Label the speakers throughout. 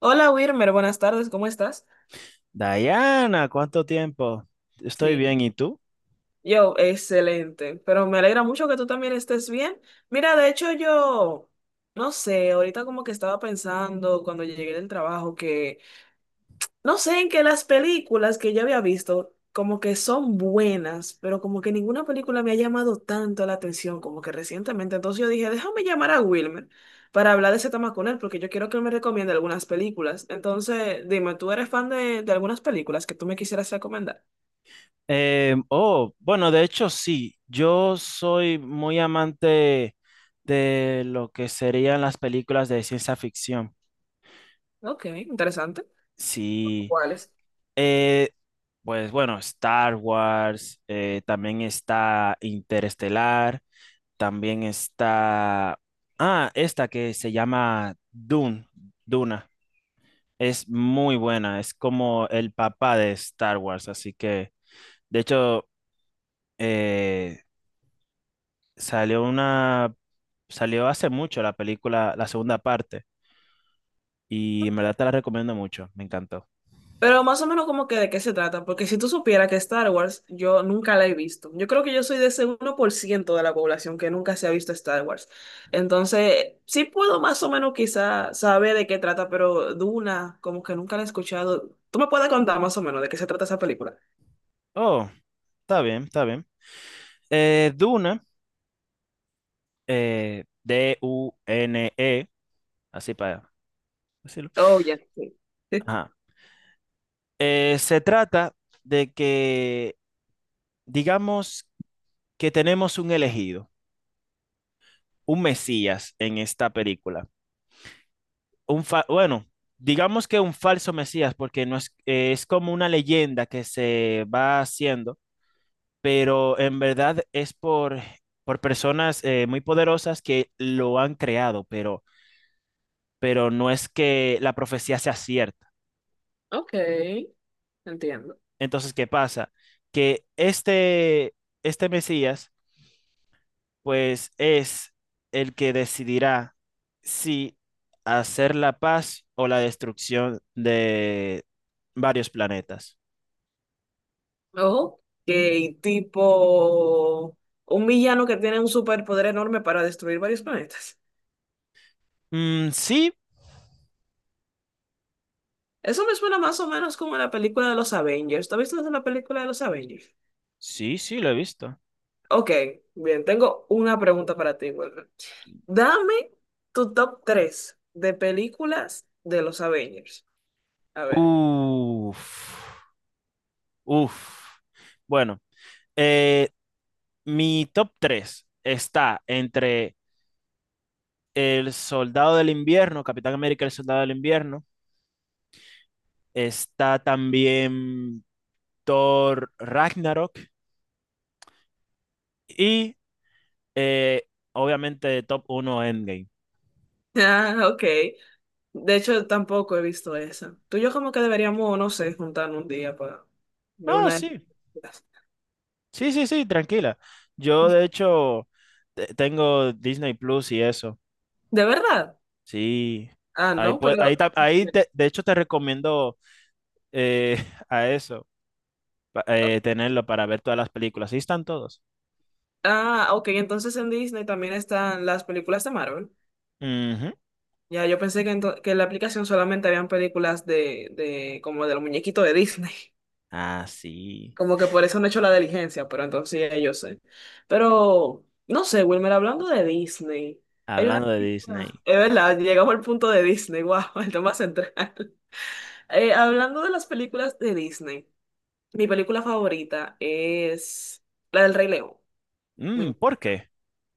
Speaker 1: Hola Wilmer, buenas tardes, ¿cómo estás?
Speaker 2: Diana, ¿cuánto tiempo? Estoy
Speaker 1: Sí,
Speaker 2: bien, ¿y tú?
Speaker 1: yo, excelente, pero me alegra mucho que tú también estés bien. Mira, de hecho yo, no sé, ahorita como que estaba pensando cuando llegué del trabajo que, no sé, en que las películas que yo había visto como que son buenas, pero como que ninguna película me ha llamado tanto la atención como que recientemente. Entonces yo dije, déjame llamar a Wilmer para hablar de ese tema con él, porque yo quiero que él me recomiende algunas películas. Entonces, dime, ¿tú eres fan de algunas películas que tú me quisieras recomendar?
Speaker 2: Oh, bueno, de hecho sí, yo soy muy amante de lo que serían las películas de ciencia ficción.
Speaker 1: Ok, interesante.
Speaker 2: Sí,
Speaker 1: ¿Cuáles?
Speaker 2: eh, pues bueno, Star Wars, también está Interestelar, también está, esta que se llama Dune, Duna. Es muy buena, es como el papá de Star Wars, así que... De hecho, eh, salió una, salió hace mucho la película, la segunda parte, y en verdad te la recomiendo mucho, me encantó.
Speaker 1: Pero más o menos como que de qué se trata, porque si tú supieras que Star Wars yo nunca la he visto. Yo creo que yo soy de ese 1% de la población que nunca se ha visto Star Wars. Entonces, sí puedo más o menos quizá saber de qué trata, pero Duna como que nunca la he escuchado. ¿Tú me puedes contar más o menos de qué se trata esa película?
Speaker 2: Oh, está bien, está bien. Duna, DUNE, así para decirlo.
Speaker 1: Oh, ya, sí. Sí.
Speaker 2: Ajá. Se trata de que, digamos que tenemos un elegido, un Mesías en esta película. Bueno, digamos que un falso Mesías, porque no es, es como una leyenda que se va haciendo, pero en verdad es por personas muy poderosas que lo han creado, pero no es que la profecía sea cierta.
Speaker 1: Ok, entiendo.
Speaker 2: Entonces, ¿qué pasa? Que este Mesías, pues es el que decidirá si hacer la paz o la destrucción de varios planetas.
Speaker 1: Ok, tipo un villano que tiene un superpoder enorme para destruir varios planetas.
Speaker 2: Mm, sí,
Speaker 1: Eso me suena más o menos como la película de los Avengers. ¿Tú has visto la película de los Avengers?
Speaker 2: sí, lo he visto.
Speaker 1: Ok, bien, tengo una pregunta para ti, Wilmer. Dame tu top 3 de películas de los Avengers. A ver.
Speaker 2: Uf, uf. Bueno, eh, mi top 3 está entre El Soldado del Invierno, Capitán América, El Soldado del Invierno. Está también Thor Ragnarok y eh, obviamente top 1 Endgame.
Speaker 1: Ah, ok. De hecho, tampoco he visto esa. Tú y yo como que deberíamos, no sé, juntarnos un día para ver
Speaker 2: Ah,
Speaker 1: una de
Speaker 2: sí,
Speaker 1: esas.
Speaker 2: sí, sí, sí, tranquila. Yo de hecho tengo Disney Plus y eso.
Speaker 1: ¿De verdad?
Speaker 2: Sí,
Speaker 1: Ah,
Speaker 2: ahí,
Speaker 1: no,
Speaker 2: pue- ahí,
Speaker 1: pero...
Speaker 2: ta- ahí de hecho te recomiendo eh, a eso, tenerlo para ver todas las películas. Ahí están todos.
Speaker 1: Ah, ok, entonces en Disney también están las películas de Marvel.
Speaker 2: Ujú.
Speaker 1: Ya, yo pensé que, que en la aplicación solamente habían películas de como de los muñequitos de Disney.
Speaker 2: Ah, sí.
Speaker 1: Como que por eso no he hecho la diligencia, pero entonces sí, ya yo sé. Pero, no sé, Wilmer, hablando de Disney, hay una
Speaker 2: Hablando de
Speaker 1: película,
Speaker 2: Disney.
Speaker 1: es verdad, llegamos al punto de Disney, wow, el tema central. Hablando de las películas de Disney, mi película favorita es la del Rey León.
Speaker 2: Mm, ¿por qué?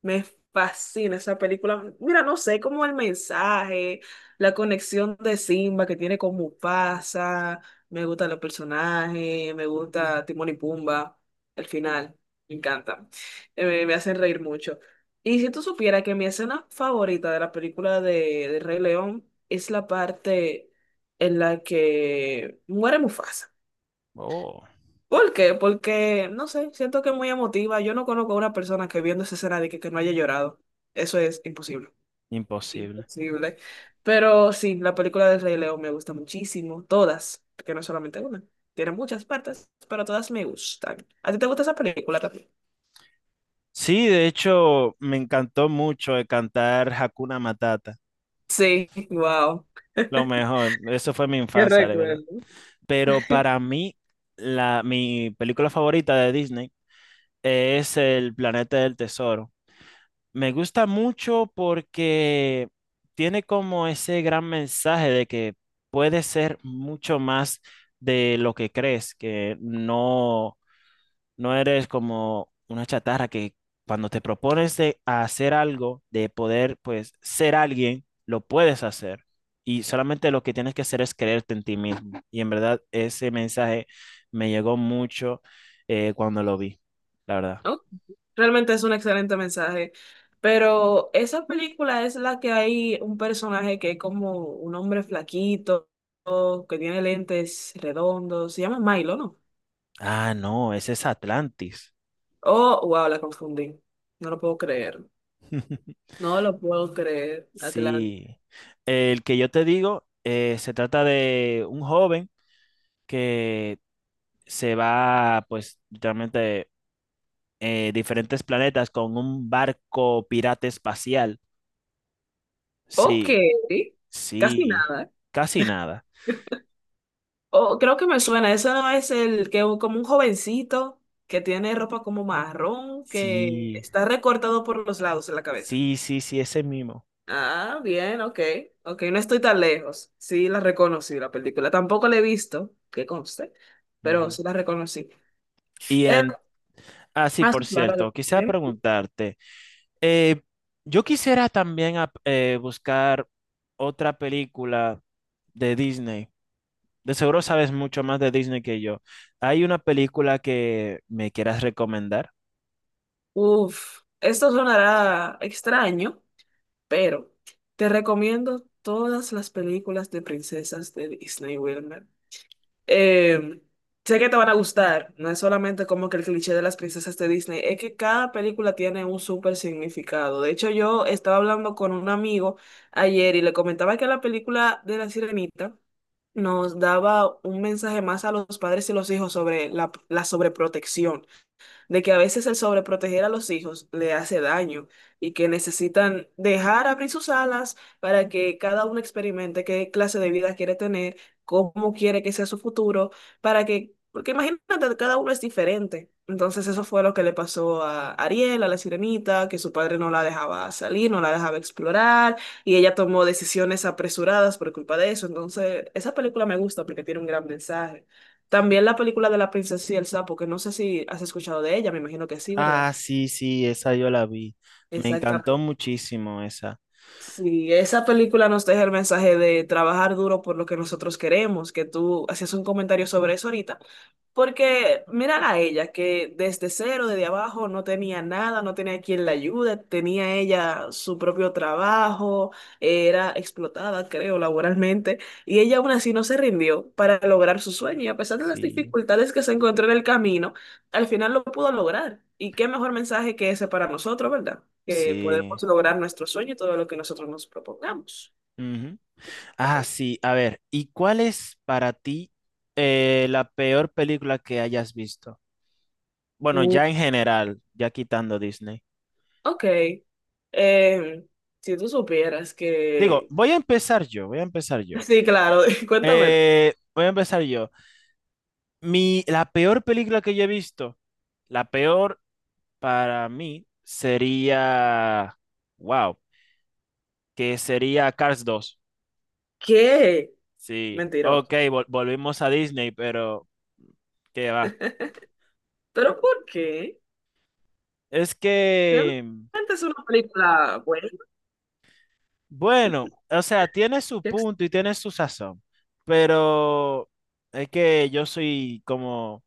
Speaker 1: Me fascina esa película. Mira, no sé, como el mensaje, la conexión de Simba que tiene con Mufasa. Me gustan los personajes, me gusta Timón y Pumba. El final, me encanta. Me hacen reír mucho. Y si tú supieras que mi escena favorita de la película de Rey León es la parte en la que muere Mufasa.
Speaker 2: Oh,
Speaker 1: ¿Por qué? Porque, no sé, siento que es muy emotiva. Yo no conozco a una persona que viendo esa escena que no haya llorado. Eso es imposible.
Speaker 2: imposible.
Speaker 1: Imposible. Pero sí, la película del Rey León me gusta muchísimo. Todas, porque no es solamente una. Tiene muchas partes, pero todas me gustan. ¿A ti te gusta esa película también?
Speaker 2: Sí, de hecho, me encantó mucho el cantar Hakuna Matata.
Speaker 1: Sí, wow.
Speaker 2: Lo mejor. Eso fue mi
Speaker 1: Qué
Speaker 2: infancia, de verdad.
Speaker 1: recuerdo.
Speaker 2: Pero para mí, mi película favorita de Disney es El Planeta del Tesoro. Me gusta mucho porque tiene como ese gran mensaje de que puedes ser mucho más de lo que crees, que no, no eres como una chatarra que cuando te propones de hacer algo, de poder pues ser alguien, lo puedes hacer. Y solamente lo que tienes que hacer es creerte en ti mismo. Y en verdad ese mensaje me llegó mucho cuando lo vi, la verdad.
Speaker 1: Realmente es un excelente mensaje. Pero esa película es la que hay un personaje que es como un hombre flaquito, que tiene lentes redondos. Se llama Milo, ¿no?
Speaker 2: Ah, no, ese es Atlantis.
Speaker 1: Oh, wow, la confundí. No lo puedo creer. No lo puedo creer, Atlanta.
Speaker 2: Sí, el que yo te digo se trata de un joven que se va, pues, literalmente diferentes planetas con un barco pirata espacial.
Speaker 1: Ok,
Speaker 2: Sí,
Speaker 1: casi
Speaker 2: sí,
Speaker 1: nada, ¿eh?
Speaker 2: casi nada.
Speaker 1: Oh, creo que me suena. Ese no es el que es como un jovencito que tiene ropa como marrón, que
Speaker 2: Sí,
Speaker 1: está recortado por los lados en la cabeza.
Speaker 2: sí, sí, sí, ese mismo.
Speaker 1: Ah, bien, ok, ok, no estoy tan lejos. Sí, la reconocí la película. Tampoco la he visto, que conste, pero
Speaker 2: Ujú.
Speaker 1: sí la reconocí.
Speaker 2: Y,
Speaker 1: Eh,
Speaker 2: em, sí,
Speaker 1: más
Speaker 2: por
Speaker 1: claro,
Speaker 2: cierto, quisiera preguntarte, eh, yo quisiera también buscar otra película de Disney. De seguro sabes mucho más de Disney que yo. ¿Hay una película que me quieras recomendar?
Speaker 1: uf, esto sonará extraño, pero te recomiendo todas las películas de princesas de Disney, Wilmer. Eh, sé que te van a gustar. No es solamente como que el cliché de las princesas de Disney, es que cada película tiene un súper significado. De hecho, yo estaba hablando con un amigo ayer y le comentaba que la película de La Sirenita nos daba un mensaje más a los padres y los hijos sobre la sobreprotección, de que a veces el sobreproteger a los hijos le hace daño y que necesitan dejar abrir sus alas para que cada uno experimente qué clase de vida quiere tener, cómo quiere que sea su futuro, para que, porque imagínate, cada uno es diferente. Entonces eso fue lo que le pasó a Ariel, a la sirenita, que su padre no la dejaba salir, no la dejaba explorar y ella tomó decisiones apresuradas por culpa de eso. Entonces, esa película me gusta porque tiene un gran mensaje. También la película de la princesa y el sapo, que no sé si has escuchado de ella, me imagino que sí, ¿verdad?
Speaker 2: Ah, sí, sí, esa yo la vi. Me encantó
Speaker 1: Exactamente.
Speaker 2: muchísimo esa.
Speaker 1: Sí, esa película nos deja el mensaje de trabajar duro por lo que nosotros queremos, que tú hacías un comentario sobre eso ahorita, porque mirar a ella, que desde cero, desde abajo, no tenía nada, no tenía quien la ayude, tenía ella su propio trabajo, era explotada, creo, laboralmente, y ella aún así no se rindió para lograr su sueño, y a pesar de las
Speaker 2: Sí,
Speaker 1: dificultades que se encontró en el camino al final lo pudo lograr. Y qué mejor mensaje que ese para nosotros, ¿verdad? Que
Speaker 2: sí.
Speaker 1: podemos lograr nuestro sueño y todo lo que nosotros nos propongamos.
Speaker 2: Ujú. Ah, sí, a ver, ¿y cuál es para ti la peor película que hayas visto? Bueno,
Speaker 1: Uh,
Speaker 2: ya en general, ya quitando Disney.
Speaker 1: Ok. Eh, si tú supieras
Speaker 2: Digo,
Speaker 1: que...
Speaker 2: voy a empezar yo,
Speaker 1: Sí, claro, cuéntame.
Speaker 2: Voy a empezar yo. La peor película que yo he visto, la peor para mí sería, wow, que sería Cars 2.
Speaker 1: ¿Qué?
Speaker 2: Sí, ok,
Speaker 1: Mentiroso.
Speaker 2: volvimos a Disney, pero qué va.
Speaker 1: ¿Pero por qué?
Speaker 2: Es
Speaker 1: Realmente
Speaker 2: que,
Speaker 1: es una película buena.
Speaker 2: bueno, o sea, tiene su
Speaker 1: Qué ex-
Speaker 2: punto y tiene su sazón, pero es que yo soy como...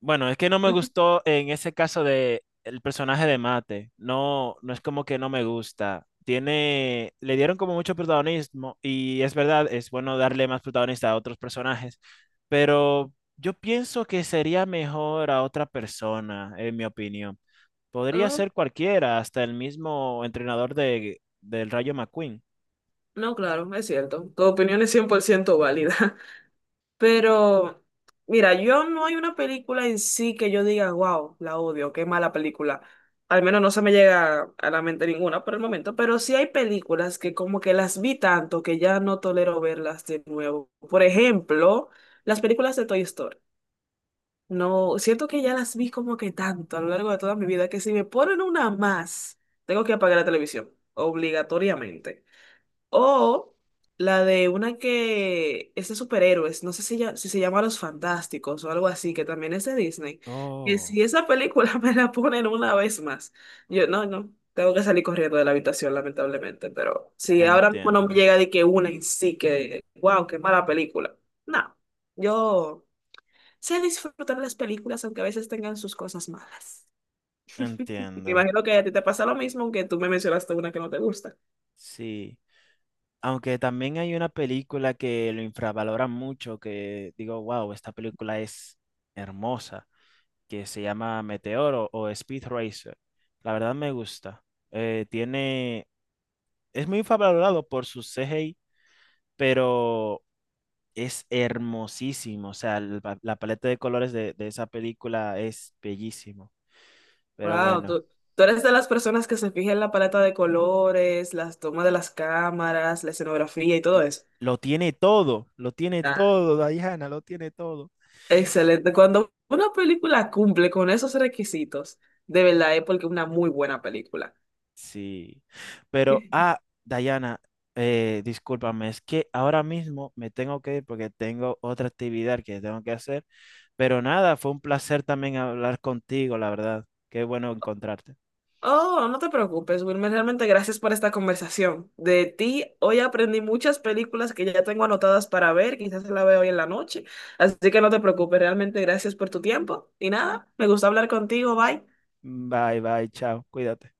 Speaker 2: Bueno, es que no me gustó en ese caso de el personaje de Mate. No, no es como que no me gusta. Tiene, le dieron como mucho protagonismo y es verdad, es bueno darle más protagonista a otros personajes, pero yo pienso que sería mejor a otra persona, en mi opinión. Podría
Speaker 1: Ah,
Speaker 2: ser cualquiera, hasta el mismo entrenador del Rayo McQueen.
Speaker 1: no, claro, es cierto. Tu opinión es 100% válida. Pero, mira, yo no hay una película en sí que yo diga, wow, la odio, qué mala película. Al menos no se me llega a la mente ninguna por el momento, pero sí hay películas que como que las vi tanto que ya no tolero verlas de nuevo. Por ejemplo, las películas de Toy Story. No, siento que ya las vi como que tanto a lo largo de toda mi vida que si me ponen una más, tengo que apagar la televisión, obligatoriamente. O la de una que es de superhéroes, no sé si, si se llama Los Fantásticos o algo así, que también es de Disney. Que
Speaker 2: Oh,
Speaker 1: si esa película me la ponen una vez más, yo no, tengo que salir corriendo de la habitación, lamentablemente. Pero si ahora mismo no me
Speaker 2: entiendo,
Speaker 1: llega de que una en sí, que wow, qué mala película. No, yo sé disfrutar las películas, aunque a veces tengan sus cosas malas. Me
Speaker 2: entiendo.
Speaker 1: imagino que a ti te pasa lo mismo, aunque tú me mencionaste una que no te gusta.
Speaker 2: Sí. Aunque también hay una película que lo infravalora mucho, que digo, wow, esta película es hermosa, que se llama Meteoro o Speed Racer. La verdad me gusta. Eh, tiene, es muy infravalorado por su CGI, pero es hermosísimo. O sea, paleta de colores de esa película es bellísimo. Pero
Speaker 1: Wow,
Speaker 2: bueno,
Speaker 1: tú eres de las personas que se fija en la paleta de colores, las tomas de las cámaras, la escenografía y todo eso.
Speaker 2: lo tiene
Speaker 1: Ah.
Speaker 2: todo, Diana, lo tiene todo.
Speaker 1: Excelente. Cuando una película cumple con esos requisitos, de verdad es porque es una muy buena película.
Speaker 2: Sí, pero, Dayana, discúlpame, es que ahora mismo me tengo que ir porque tengo otra actividad que tengo que hacer, pero nada, fue un placer también hablar contigo, la verdad. Qué bueno encontrarte.
Speaker 1: Oh, no te preocupes, Wilmer. Realmente gracias por esta conversación. De ti, hoy aprendí muchas películas que ya tengo anotadas para ver, quizás la veo hoy en la noche. Así que no te preocupes, realmente gracias por tu tiempo. Y nada, me gusta hablar contigo. Bye.
Speaker 2: Bye, bye, chao, cuídate.